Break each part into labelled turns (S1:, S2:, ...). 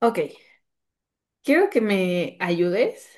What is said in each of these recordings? S1: Ok, quiero que me ayudes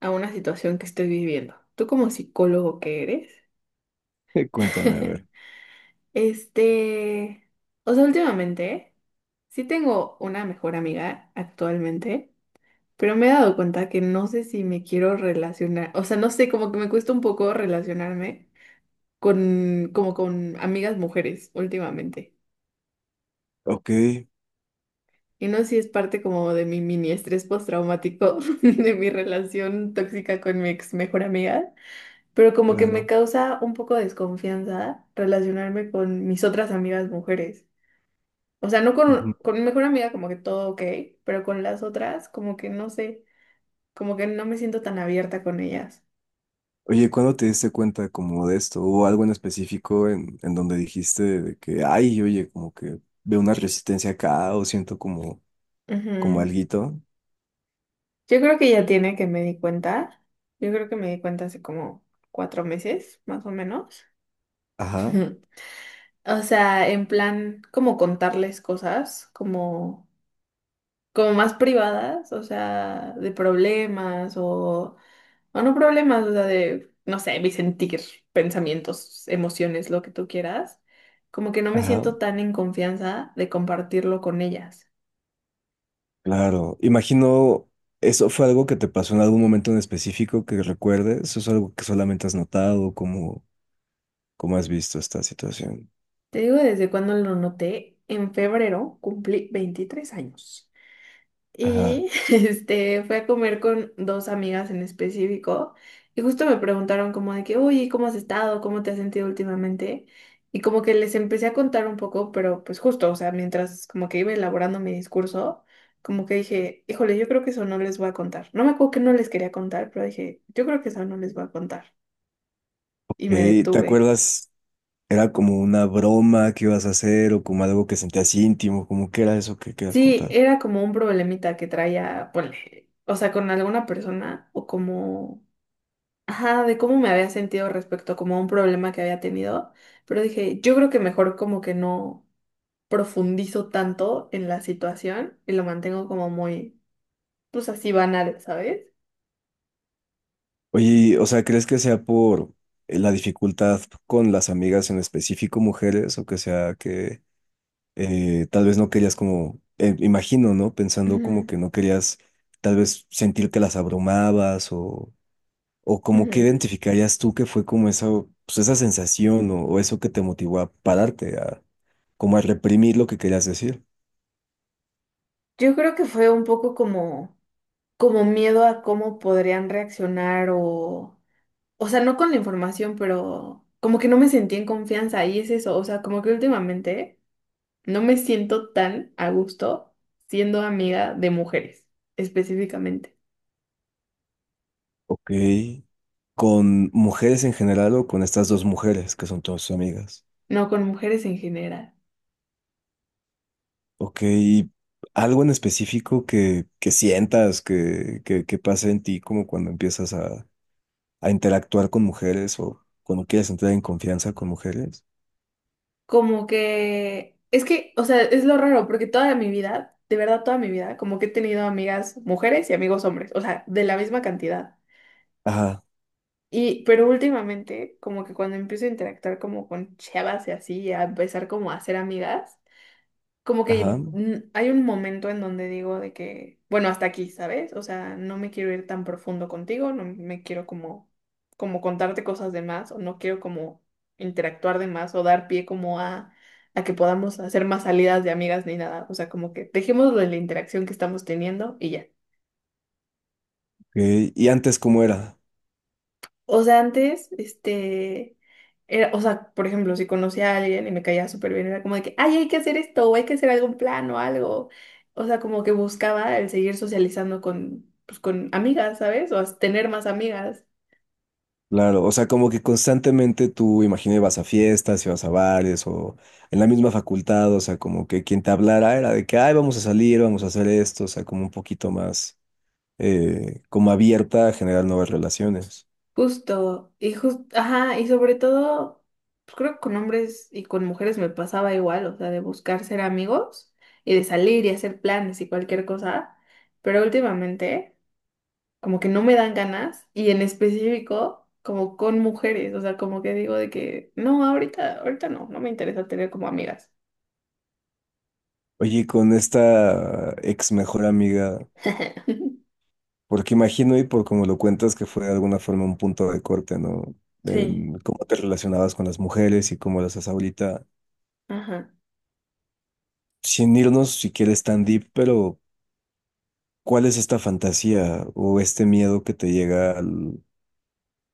S1: a una situación que estoy viviendo. Tú como psicólogo que eres,
S2: Cuéntame, a ver.
S1: este, o sea, últimamente sí tengo una mejor amiga actualmente, pero me he dado cuenta que no sé si me quiero relacionar, o sea, no sé, como que me cuesta un poco relacionarme como con amigas mujeres últimamente.
S2: Ok,
S1: Y no sé si es parte como de mi mini estrés postraumático de mi relación tóxica con mi ex mejor amiga. Pero como que me
S2: claro.
S1: causa un poco de desconfianza relacionarme con mis otras amigas mujeres. O sea, no con,
S2: Ujú.
S1: con mi mejor amiga como que todo ok, pero con las otras como que no sé, como que no me siento tan abierta con ellas.
S2: Oye, ¿cuándo te diste cuenta como de esto? ¿O algo en específico en donde dijiste de que, ay, oye, como que veo una resistencia acá o siento como, como
S1: Ujú.
S2: alguito?
S1: Yo creo que ya tiene que me di cuenta. Yo creo que me di cuenta hace como 4 meses, más o menos.
S2: Ajá,
S1: O sea, en plan, como contarles cosas, como, como más privadas, o sea, de problemas o no problemas, o sea, de, no sé, mi sentir, pensamientos, emociones, lo que tú quieras. Como que no me
S2: ajá,
S1: siento tan en confianza de compartirlo con ellas.
S2: claro. Imagino, ¿eso fue algo que te pasó en algún momento en específico que recuerdes? ¿O es algo que solamente has notado? ¿Cómo, cómo has visto esta situación?
S1: Te digo, desde cuando lo noté, en febrero cumplí 23 años.
S2: Ajá.
S1: Y fui a comer con dos amigas en específico, y justo me preguntaron como de que, oye, ¿cómo has estado? ¿Cómo te has sentido últimamente? Y como que les empecé a contar un poco, pero pues justo, o sea, mientras como que iba elaborando mi discurso, como que dije, híjole, yo creo que eso no les voy a contar. No me acuerdo que no les quería contar, pero dije, yo creo que eso no les voy a contar.
S2: Ok,
S1: Y me
S2: ¿te
S1: detuve.
S2: acuerdas? Era como una broma que ibas a hacer o como algo que sentías íntimo, como que era eso que querías
S1: Sí,
S2: contar.
S1: era como un problemita que traía, ponle, o sea, con alguna persona o como ajá, de cómo me había sentido respecto como a un problema que había tenido, pero dije, yo creo que mejor como que no profundizo tanto en la situación y lo mantengo como muy, pues así banal, ¿sabes?
S2: Oye, y, o sea, ¿crees que sea por la dificultad con las amigas en específico mujeres o que sea que tal vez no querías como, imagino, ¿no? Pensando como
S1: Ujú,
S2: que no querías tal vez sentir que las abrumabas o como que
S1: ujú.
S2: identificarías tú que fue como esa, pues esa sensación o eso que te motivó a pararte, a como a reprimir lo que querías decir.
S1: Yo creo que fue un poco como, como miedo a cómo podrían reaccionar o sea, no con la información, pero como que no me sentí en confianza y es eso, o sea, como que últimamente no me siento tan a gusto siendo amiga de mujeres, específicamente.
S2: Ok. ¿Con mujeres en general o con estas dos mujeres que son todas tus amigas?
S1: No, con mujeres en general.
S2: Ok. ¿Algo en específico que sientas que, que pasa en ti como cuando empiezas a interactuar con mujeres o cuando quieres entrar en confianza con mujeres?
S1: Como que, es que, o sea, es lo raro, porque toda mi vida, de verdad toda mi vida, como que he tenido amigas mujeres y amigos hombres, o sea, de la misma cantidad.
S2: Ajá,
S1: Y, pero últimamente, como que cuando empiezo a interactuar como con chavas y así, y a empezar como a hacer amigas, como
S2: ajá.
S1: que
S2: Ok.
S1: hay un momento en donde digo de que, bueno, hasta aquí, ¿sabes? O sea, no me quiero ir tan profundo contigo, no me quiero como, como contarte cosas de más, o no quiero como interactuar de más, o dar pie como a que podamos hacer más salidas de amigas ni nada. O sea, como que dejémoslo en la interacción que estamos teniendo y ya.
S2: ¿Y antes cómo era?
S1: O sea, antes, era- o sea, por ejemplo, si conocía a alguien y me caía súper bien, era como de que, ay, hay que hacer esto, o hay que hacer algún plan o algo. O sea, como que buscaba el seguir socializando con, pues, con amigas, ¿sabes? O as- tener más amigas.
S2: Claro, o sea, como que constantemente tú, imaginé, vas a fiestas y vas a bares o en la misma facultad, o sea, como que quien te hablara era de que, ay, vamos a salir, vamos a hacer esto, o sea, como un poquito más, como abierta a generar nuevas relaciones.
S1: Justo, y justo, ajá, y sobre todo, pues creo que con hombres y con mujeres me pasaba igual, o sea, de buscar ser amigos y de salir y hacer planes y cualquier cosa. Pero últimamente... como que no me dan ganas y en específico como con mujeres, o sea, como que digo de que no, ahorita, ahorita no, no me interesa tener como amigas.
S2: Oye, y con esta ex mejor amiga, porque imagino y por como lo cuentas que fue de alguna forma un punto de corte, ¿no? De
S1: Sí,
S2: en cómo te relacionabas con las mujeres y cómo las haces ahorita,
S1: ajá.
S2: sin irnos si quieres tan deep, pero ¿cuál es esta fantasía o este miedo que te llega al,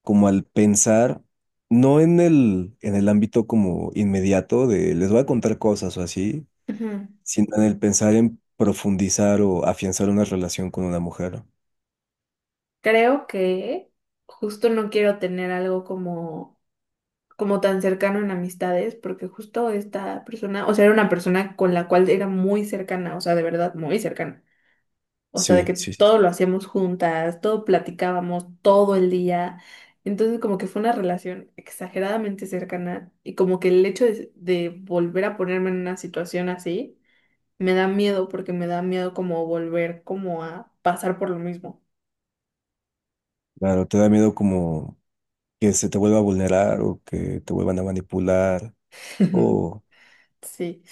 S2: como al pensar, no en el, en el ámbito como inmediato de les voy a contar cosas o así,
S1: Ujú.
S2: sino en el pensar en profundizar o afianzar una relación con una mujer?
S1: Creo que justo no quiero tener algo como, como tan cercano en amistades, porque justo esta persona, o sea, era una persona con la cual era muy cercana, o sea, de verdad, muy cercana. O sea, de
S2: Sí,
S1: que
S2: sí, sí.
S1: todo lo hacíamos juntas, todo platicábamos todo el día. Entonces, como que fue una relación exageradamente cercana y como que el hecho de volver a ponerme en una situación así, me da miedo porque me da miedo como volver como a pasar por lo mismo.
S2: Claro, te da miedo como que se te vuelva a vulnerar o que te vuelvan a manipular. Oh,
S1: Sí,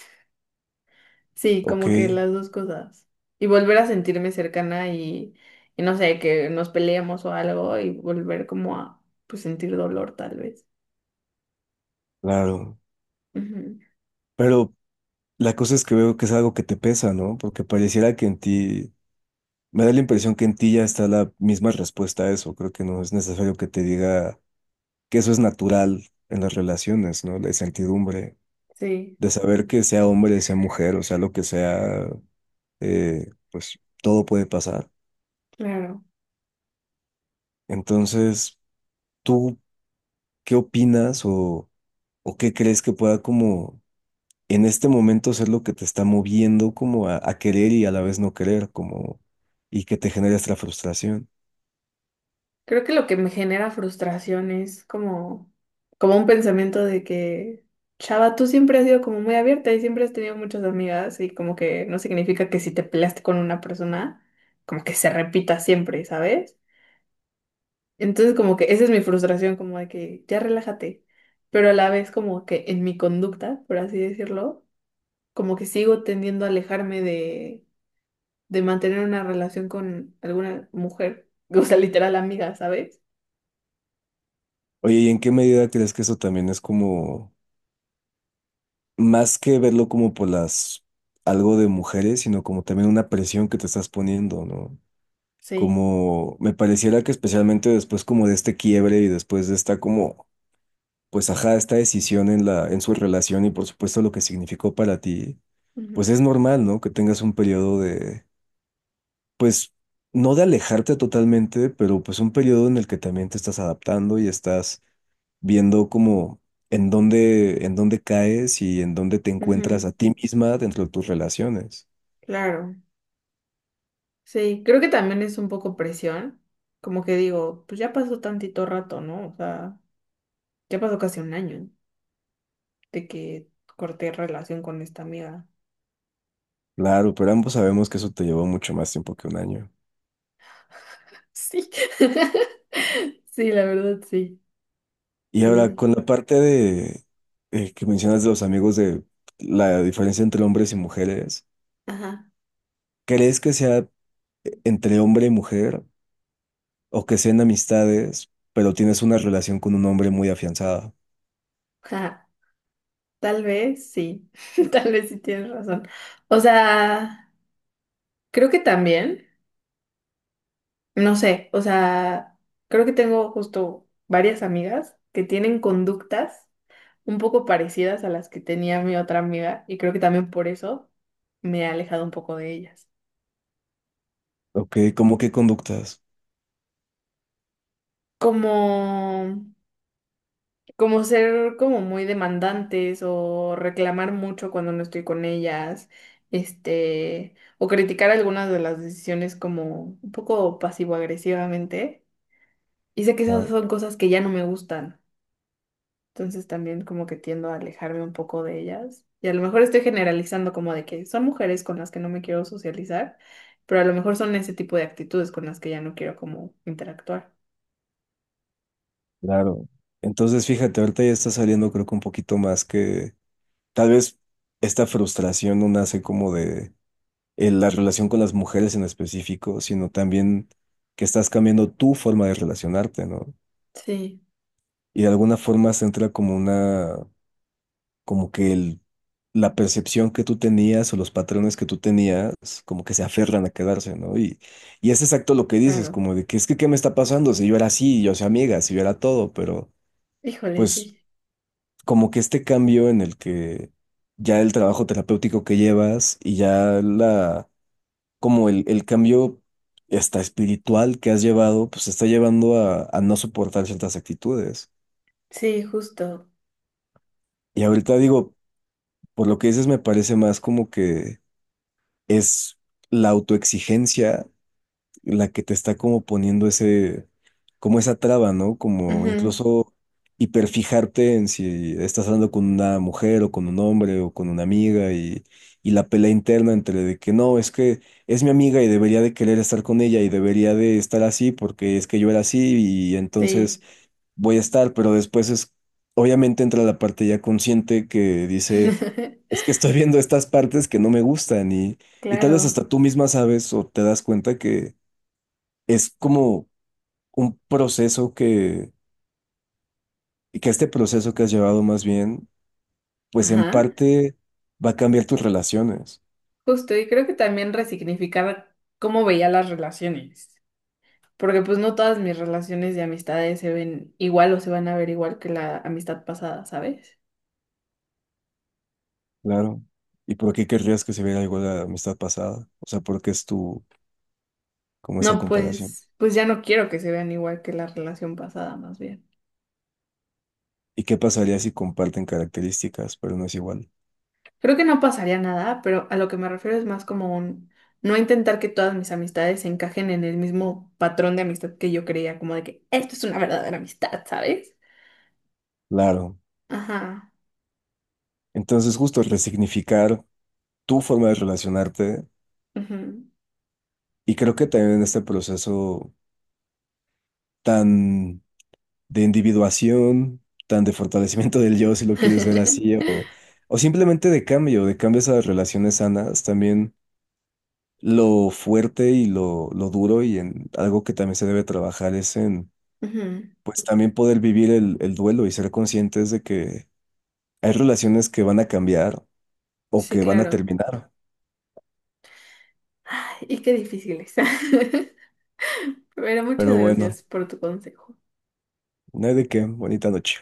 S1: sí,
S2: ok,
S1: como que las dos cosas. Y volver a sentirme cercana y no sé, que nos peleamos o algo y volver como a pues, sentir dolor tal vez.
S2: claro.
S1: Ujú.
S2: Pero la cosa es que veo que es algo que te pesa, ¿no? Porque pareciera que en ti me da la impresión que en ti ya está la misma respuesta a eso. Creo que no es necesario que te diga que eso es natural en las relaciones, ¿no? La incertidumbre
S1: Sí,
S2: de saber que sea hombre, sea mujer, o sea, lo que sea, pues todo puede pasar.
S1: claro.
S2: Entonces, ¿tú qué opinas o qué crees que pueda como en este momento ser lo que te está moviendo como a querer y a la vez no querer, como y que te genera esta frustración?
S1: Creo que lo que me genera frustración es como, como un pensamiento de que, chava, tú siempre has sido como muy abierta y siempre has tenido muchas amigas y como que no significa que si te peleaste con una persona, como que se repita siempre, ¿sabes? Entonces como que esa es mi frustración, como de que ya relájate, pero a la vez como que en mi conducta, por así decirlo, como que sigo tendiendo a alejarme de mantener una relación con alguna mujer, o sea, literal amiga, ¿sabes?
S2: Oye, ¿y en qué medida crees que eso también es como más que verlo como por las algo de mujeres, sino como también una presión que te estás poniendo, ¿no?
S1: Sí.
S2: Como me pareciera que especialmente después como de este quiebre y después de esta como, pues ajá, esta decisión en la, en su relación y por supuesto lo que significó para ti,
S1: Ujú.
S2: pues es normal, ¿no? Que tengas un periodo de, pues, no de alejarte totalmente, pero pues un periodo en el que también te estás adaptando y estás viendo como en dónde caes y en dónde te encuentras
S1: Ujú,
S2: a ti misma dentro de tus relaciones.
S1: claro, sí, creo que también es un poco presión, como que digo, pues ya pasó tantito rato, ¿no? O sea, ya pasó casi un año de que corté relación con esta amiga.
S2: Claro, pero ambos sabemos que eso te llevó mucho más tiempo que un año.
S1: Sí, sí, la verdad, sí.
S2: Y ahora,
S1: Entonces,
S2: con la parte de que mencionas de los amigos de la diferencia entre hombres y mujeres,
S1: ajá,
S2: ¿crees que sea entre hombre y mujer o que sean amistades, pero tienes una relación con un hombre muy afianzada?
S1: ajá, tal vez sí, tal vez sí tienes razón. O sea, creo que también, no sé, o sea, creo que tengo justo varias amigas que tienen conductas, un poco parecidas a las que tenía mi otra amiga y creo que también por eso me he alejado un poco de ellas.
S2: Ok, ¿cómo qué conductas?
S1: Como, como ser como muy demandantes o reclamar mucho cuando no estoy con ellas, o criticar algunas de las decisiones como un poco pasivo-agresivamente. Y sé que esas
S2: Ah,
S1: son cosas que ya no me gustan. Entonces también como que tiendo a alejarme un poco de ellas. Y a lo mejor estoy generalizando como de que son mujeres con las que no me quiero socializar, pero a lo mejor son ese tipo de actitudes con las que ya no quiero como interactuar.
S2: claro. Entonces, fíjate, ahorita ya está saliendo creo que un poquito más que tal vez esta frustración no nace como de la relación con las mujeres en específico, sino también que estás cambiando tu forma de relacionarte, ¿no?
S1: Sí,
S2: Y de alguna forma se entra como una, como que el, la percepción que tú tenías o los patrones que tú tenías, como que se aferran a quedarse, ¿no? Y es exacto lo que dices,
S1: claro.
S2: como de que es que, ¿qué me está pasando? Si yo era así, yo soy amiga, si yo era todo, pero
S1: Híjole,
S2: pues
S1: sí.
S2: como que este cambio en el que ya el trabajo terapéutico que llevas y ya la, como el cambio hasta espiritual que has llevado, pues te está llevando a no soportar ciertas actitudes.
S1: Sí, justo.
S2: Y ahorita digo, por lo que dices, me parece más como que es la autoexigencia la que te está como poniendo ese, como esa traba, ¿no? Como
S1: Ujú,
S2: incluso hiperfijarte en si estás hablando con una mujer o con un hombre o con una amiga y la pelea interna entre de que no, es que es mi amiga y debería de querer estar con ella y debería de estar así porque es que yo era así y entonces
S1: sí,
S2: voy a estar, pero después es, obviamente entra la parte ya consciente que dice, es que estoy viendo estas partes que no me gustan y tal vez
S1: claro.
S2: hasta tú misma sabes o te das cuenta que es como un proceso que, y que este proceso que has llevado más bien, pues en
S1: Ajá.
S2: parte va a cambiar tus relaciones,
S1: Justo, y creo que también resignificar cómo veía las relaciones, porque pues no todas mis relaciones de amistades se ven igual o se van a ver igual que la amistad pasada, ¿sabes?
S2: claro. ¿Y por qué querrías que se viera algo de la amistad pasada? O sea, ¿por qué es tu, como esa
S1: No,
S2: comparación?
S1: pues, pues ya no quiero que se vean igual que la relación pasada, más bien.
S2: ¿Y qué pasaría si comparten características, pero no es igual?
S1: Creo que no pasaría nada, pero a lo que me refiero es más como un no intentar que todas mis amistades se encajen en el mismo patrón de amistad que yo creía, como de que esto es una verdadera amistad, ¿sabes?
S2: Claro.
S1: Ajá.
S2: Entonces, justo resignificar tu forma de relacionarte,
S1: Ujú.
S2: y creo que también en este proceso tan de individuación, tan de fortalecimiento del yo, si lo quieres ver así, o simplemente de cambio, de cambios a las relaciones sanas, también lo fuerte y lo duro y en algo que también se debe trabajar es en,
S1: Ujú,
S2: pues también poder vivir el duelo y ser conscientes de que hay relaciones que van a cambiar o
S1: sí,
S2: que van a
S1: claro.
S2: terminar,
S1: Ay, y qué difícil es. Pero muchas
S2: pero bueno,
S1: gracias por tu consejo.
S2: no hay de qué, bonita noche.